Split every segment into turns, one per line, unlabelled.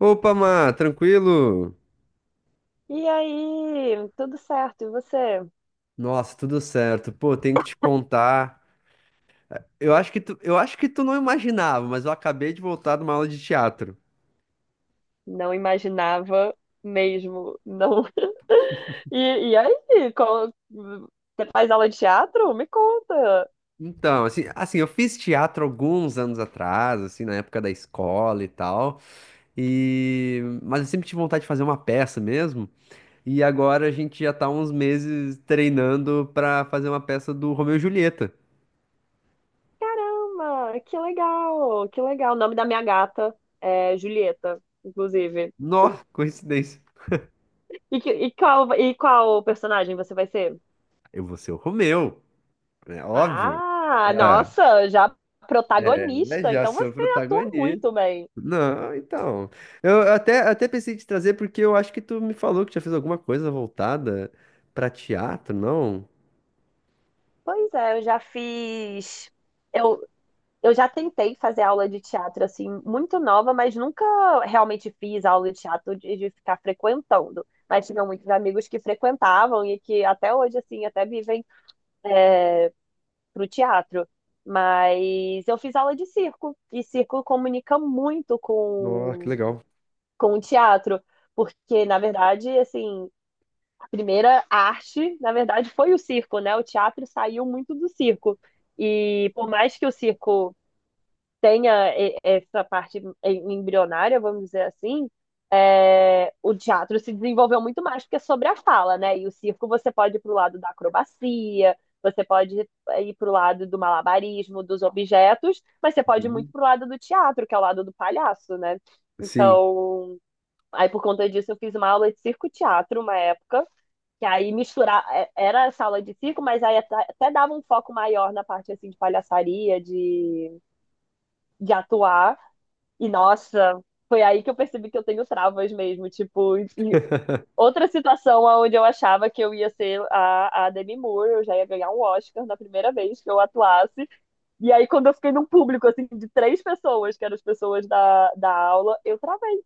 Opa, Má, tranquilo?
E aí, tudo certo, e você?
Nossa, tudo certo. Pô, tenho que te contar. Eu acho que tu não imaginava, mas eu acabei de voltar de uma aula de teatro.
Não imaginava mesmo, não. E, Você faz aula de teatro? Me conta.
Então, assim, eu fiz teatro alguns anos atrás, assim, na época da escola e tal. E mas eu sempre tive vontade de fazer uma peça mesmo. E agora a gente já tá há uns meses treinando pra fazer uma peça do Romeu e Julieta.
Caramba, que legal, que legal. O nome da minha gata é Julieta, inclusive.
Nossa, coincidência.
E qual personagem você vai ser?
Eu vou ser o Romeu, é óbvio.
Ah,
É,
nossa, já
é,
protagonista,
já
então
sou
você atua
protagonista.
muito bem.
Não, então. Até pensei em te trazer porque eu acho que tu me falou que já fez alguma coisa voltada pra teatro, não?
Pois é, eu já fiz. Eu já tentei fazer aula de teatro assim, muito nova, mas nunca realmente fiz aula de teatro de ficar frequentando. Mas tinha muitos amigos que frequentavam e que até hoje, assim, até vivem pro teatro. Mas eu fiz aula de circo, e circo comunica muito
Nossa, que legal.
com o teatro, porque, na verdade, assim, a primeira arte, na verdade, foi o circo, né? O teatro saiu muito do circo. E por mais que o circo embrionária, vamos dizer assim, é, o teatro se desenvolveu muito mais porque é sobre a fala, né? E o circo você pode ir para o lado da acrobacia, você pode ir para o lado do malabarismo, dos objetos, mas você pode ir muito
Uhum.
para o lado do teatro, que é o lado do palhaço, né?
Sim.
Então, aí por conta disso eu fiz uma aula de circo-teatro uma época, que aí misturar, era essa aula de circo, mas aí até dava um foco maior na parte assim de palhaçaria, de atuar. E nossa, foi aí que eu percebi que eu tenho travas mesmo. Tipo, e outra situação onde eu achava que eu ia ser a Demi Moore, eu já ia ganhar um Oscar na primeira vez que eu atuasse. E aí, quando eu fiquei num público assim de três pessoas, que eram as pessoas da aula, eu travei.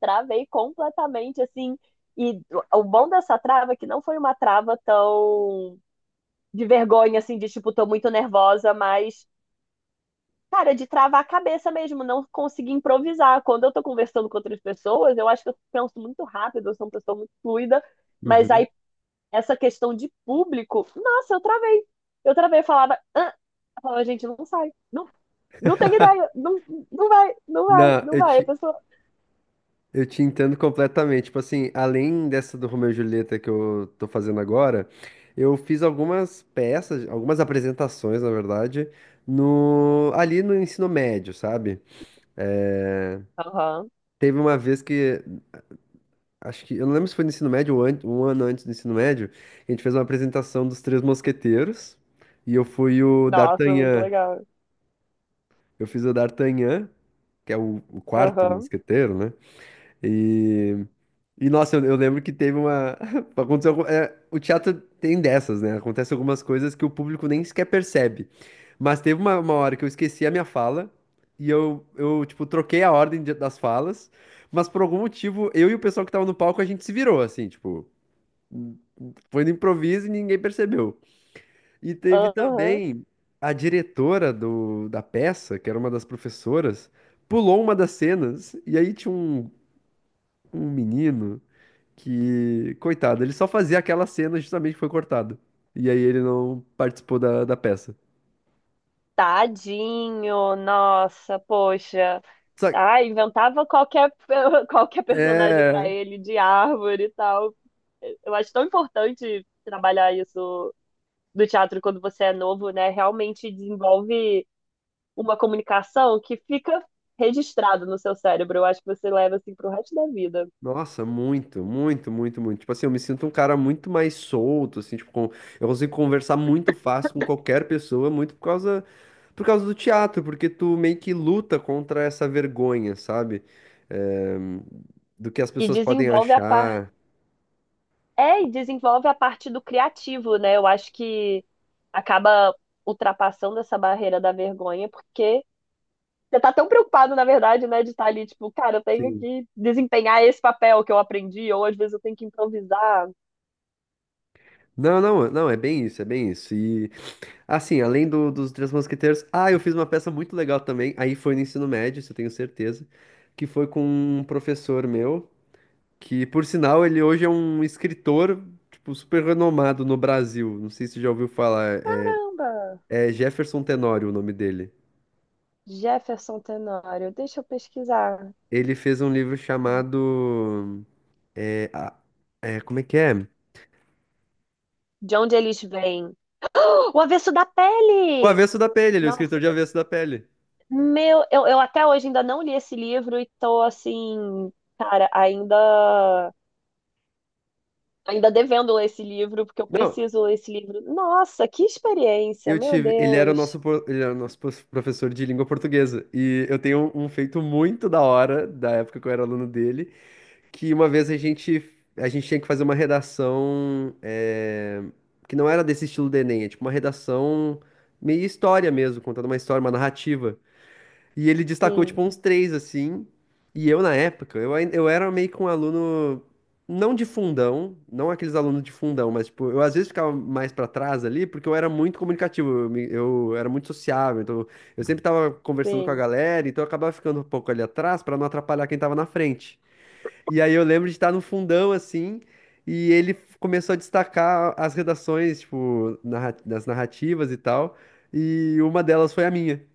Travei completamente, assim. E o bom dessa trava é que não foi uma trava tão de vergonha, assim, de tipo, tô muito nervosa, mas cara, de travar a cabeça mesmo, não conseguir improvisar. Quando eu tô conversando com outras pessoas, eu acho que eu penso muito rápido, eu sou uma pessoa muito fluida, mas
Uhum.
aí essa questão de público, nossa, eu travei. Eu travei, eu falava, ah, eu falava, gente, não sai, não, não tem ideia, não, não vai, não vai,
Não,
não vai. A pessoa,
eu te entendo completamente. Tipo assim, além dessa do Romeu e Julieta que eu tô fazendo agora, eu fiz algumas peças, algumas apresentações, na verdade, no, ali no ensino médio, sabe? É,
aham,
teve uma vez que acho que, eu não lembro se foi no ensino médio ou um ano antes do ensino médio, a gente fez uma apresentação dos Três Mosqueteiros e eu fui o
nossa, muito
D'Artagnan.
legal,
Eu fiz o D'Artagnan, que é o quarto
aham,
mosqueteiro, né? E, e nossa, eu lembro que teve uma. Aconteceu, é, o teatro tem dessas, né? Acontece algumas coisas que o público nem sequer percebe. Mas teve uma hora que eu esqueci a minha fala e eu tipo, troquei a ordem das falas, mas por algum motivo, eu e o pessoal que tava no palco, a gente se virou, assim, tipo. Foi no improviso e ninguém percebeu. E teve
aham,
também a diretora da peça, que era uma das professoras, pulou uma das cenas e aí tinha um menino que, coitado, ele só fazia aquela cena justamente que foi cortado. E aí ele não participou da peça.
tadinho, nossa, poxa.
Só,
Ah, inventava qualquer, qualquer personagem para
é,
ele, de árvore e tal. Eu acho tão importante trabalhar isso do teatro quando você é novo, né? Realmente desenvolve uma comunicação que fica registrada no seu cérebro. Eu acho que você leva assim pro resto da vida.
nossa, muito, muito, muito, muito. Tipo assim, eu me sinto um cara muito mais solto, assim, tipo, eu consigo conversar muito fácil com qualquer pessoa, por causa do teatro, porque tu meio que luta contra essa vergonha, sabe? Eh, do que as
E
pessoas podem
desenvolve a par...
achar.
É, e desenvolve a parte do criativo, né? Eu acho que acaba ultrapassando essa barreira da vergonha, porque você tá tão preocupado, na verdade, né, de estar ali, tipo, cara, eu tenho
Sim.
que desempenhar esse papel que eu aprendi, ou às vezes eu tenho que improvisar.
Não, é bem isso, é bem isso. E, assim, além dos Três Mosqueteiros, eu fiz uma peça muito legal também, aí foi no ensino médio, isso eu tenho certeza, que foi com um professor meu. Que, por sinal, ele hoje é um escritor, tipo, super renomado no Brasil. Não sei se você já ouviu falar. É,
Caramba!
é Jefferson Tenório o nome dele.
Jefferson Tenório, deixa eu pesquisar.
Ele fez um livro chamado. É, é, como é que é?
De onde eles vêm? O avesso da
O
pele!
Avesso da Pele, ele é o escritor
Nossa,
de Avesso da Pele.
meu, eu até hoje ainda não li esse livro e tô assim, cara, ainda devendo ler esse livro, porque eu
Não,
preciso ler esse livro. Nossa, que experiência,
eu
meu
tive. Ele era o
Deus.
nosso, professor de língua portuguesa. E eu tenho um feito muito da hora, da época que eu era aluno dele que uma vez a gente tinha que fazer uma redação que não era desse estilo do Enem, é tipo uma redação meio história mesmo, contando uma história, uma narrativa. E ele destacou tipo
Sim,
uns três assim. E eu na época, eu era meio que um aluno não de fundão, não aqueles alunos de fundão, mas tipo, eu às vezes ficava mais pra trás ali porque eu era muito comunicativo, eu era muito sociável, então eu sempre tava conversando com a
sim.
galera, então eu acabava ficando um pouco ali atrás pra não atrapalhar quem tava na frente. E aí eu lembro de estar no fundão, assim, e ele começou a destacar as redações, tipo, das narrativas e tal, e uma delas foi a minha.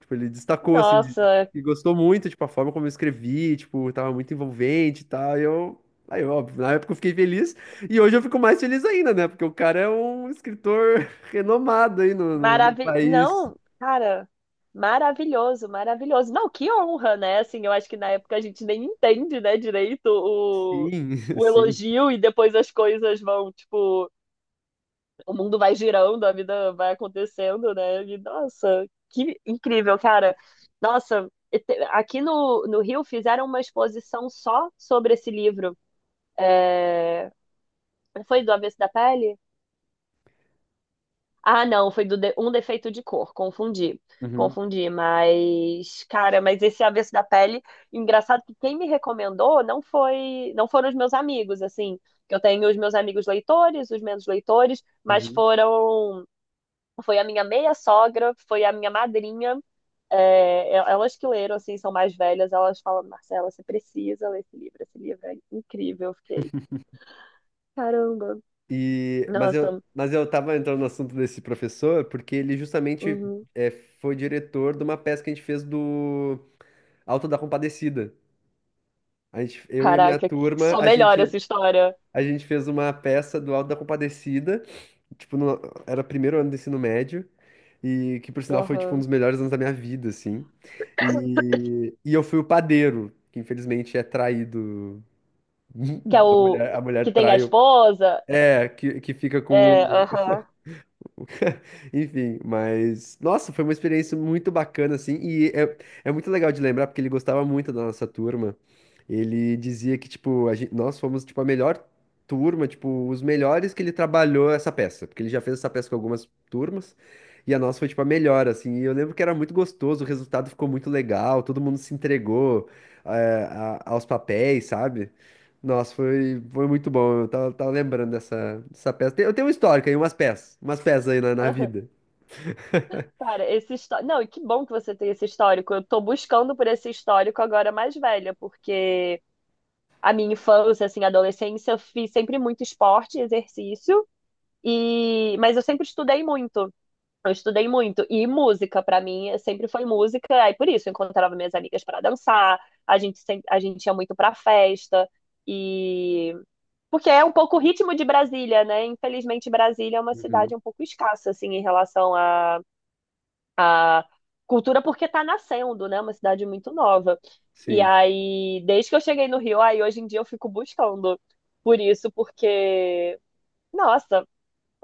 Tipo, ele destacou, assim,
Nossa,
e gostou muito, tipo, a forma como eu escrevi, tipo, tava muito envolvente e tal, e eu... Aí, óbvio, na época eu fiquei feliz, e hoje eu fico mais feliz ainda, né? Porque o cara é um escritor renomado aí no país.
Não, cara, maravilhoso, maravilhoso. Não, que honra, né? Assim, eu acho que na época a gente nem entende, né, direito
Sim,
o
sim.
elogio e depois as coisas vão, tipo, o mundo vai girando, a vida vai acontecendo, né? E, nossa, que incrível, cara. Nossa, aqui no, no Rio fizeram uma exposição só sobre esse livro. É, foi do Avesso da Pele? Ah, não, foi um defeito de cor, confundi.
Uhum,
Confundi, mas cara, mas esse avesso da pele, engraçado que quem me recomendou não foram os meus amigos, assim, que eu tenho os meus amigos leitores, os menos leitores, mas
uhum.
foram, foi a minha meia sogra, foi a minha madrinha, é, elas que leram, assim, são mais velhas, elas falam, Marcela, você precisa ler esse livro é incrível, eu fiquei, caramba,
E,
nossa,
mas eu tava entrando no assunto desse professor porque ele justamente
uhum,
é, foi diretor de uma peça que a gente fez do Alto da Compadecida. A gente, eu e a minha
caraca, que-
turma,
só melhora essa história.
a gente fez uma peça do Alto da Compadecida, tipo, era o primeiro ano do ensino médio, e que por sinal foi tipo um
Aham.
dos melhores anos da minha vida, assim. E eu fui o padeiro, que infelizmente é traído.
Que é o
A
que
mulher
tem a
trai o-
esposa.
é, que fica com
É,
o.
aham,
Enfim, mas nossa, foi uma experiência muito bacana assim, e é, é muito legal de lembrar porque ele gostava muito da nossa turma. Ele dizia que tipo, nós fomos tipo a melhor turma, tipo, os melhores que ele trabalhou essa peça, porque ele já fez essa peça com algumas turmas. E a nossa foi tipo a melhor, assim. E eu lembro que era muito gostoso, o resultado ficou muito legal, todo mundo se entregou aos papéis, sabe? Nossa, foi muito bom. Tava lembrando dessa peça. Eu tenho uma histórico aí, umas peças. Umas peças aí na
aham.
vida.
Cara, esse histórico. Não, e que bom que você tem esse histórico. Eu tô buscando por esse histórico agora mais velha, porque a minha infância, assim, adolescência, eu fiz sempre muito esporte, e exercício, e mas eu sempre estudei muito. Eu estudei muito. E música, pra mim, sempre foi música. Aí por isso eu encontrava minhas amigas pra dançar, a gente sempre... a gente ia muito pra festa. E porque é um pouco o ritmo de Brasília, né? Infelizmente, Brasília é uma cidade
Uhum.
um pouco escassa, assim, em relação à, à cultura, porque está nascendo, né? Uma cidade muito nova. E
Sim,
aí, desde que eu cheguei no Rio, aí hoje em dia eu fico buscando por isso, porque, nossa,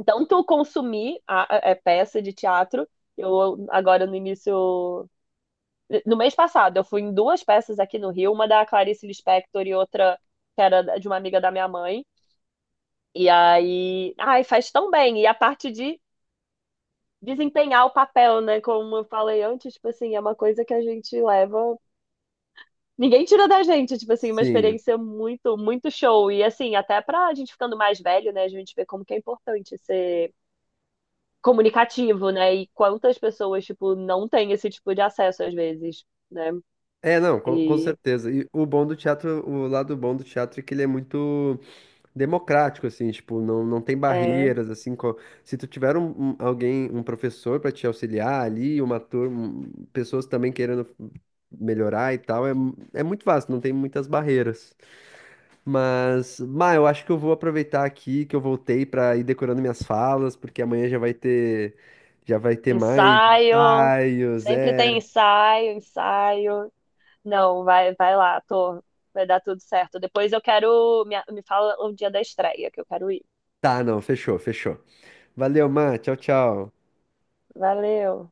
tanto consumir a é, peça de teatro, eu agora no início, no mês passado, eu fui em duas peças aqui no Rio, uma da Clarice Lispector e outra que era de uma amiga da minha mãe. E aí, ai, faz tão bem. E a parte de desempenhar o papel, né? Como eu falei antes, tipo assim, é uma coisa que a gente leva. Ninguém tira da gente, tipo assim, uma
sim.
experiência muito, muito show. E assim, até pra gente ficando mais velho, né? A gente vê como que é importante ser comunicativo, né? E quantas pessoas, tipo, não têm esse tipo de acesso às vezes, né?
É, não, com
E
certeza. E o bom do teatro, o lado bom do teatro é que ele é muito democrático, assim, tipo, não tem
é,
barreiras, assim, se tu tiver alguém, um professor para te auxiliar ali, uma turma, pessoas também querendo melhorar e tal, é, é muito fácil, não tem muitas barreiras. Mas, Má, eu acho que eu vou aproveitar aqui que eu voltei pra ir decorando minhas falas, porque amanhã já vai ter mais
ensaio,
ensaios,
sempre tem
é.
ensaio, ensaio. Não, vai, vai lá, tô. Vai dar tudo certo. Depois eu quero. Me fala o dia da estreia, que eu quero ir.
Tá, não, fechou. Valeu, Má, tchau, tchau.
Valeu.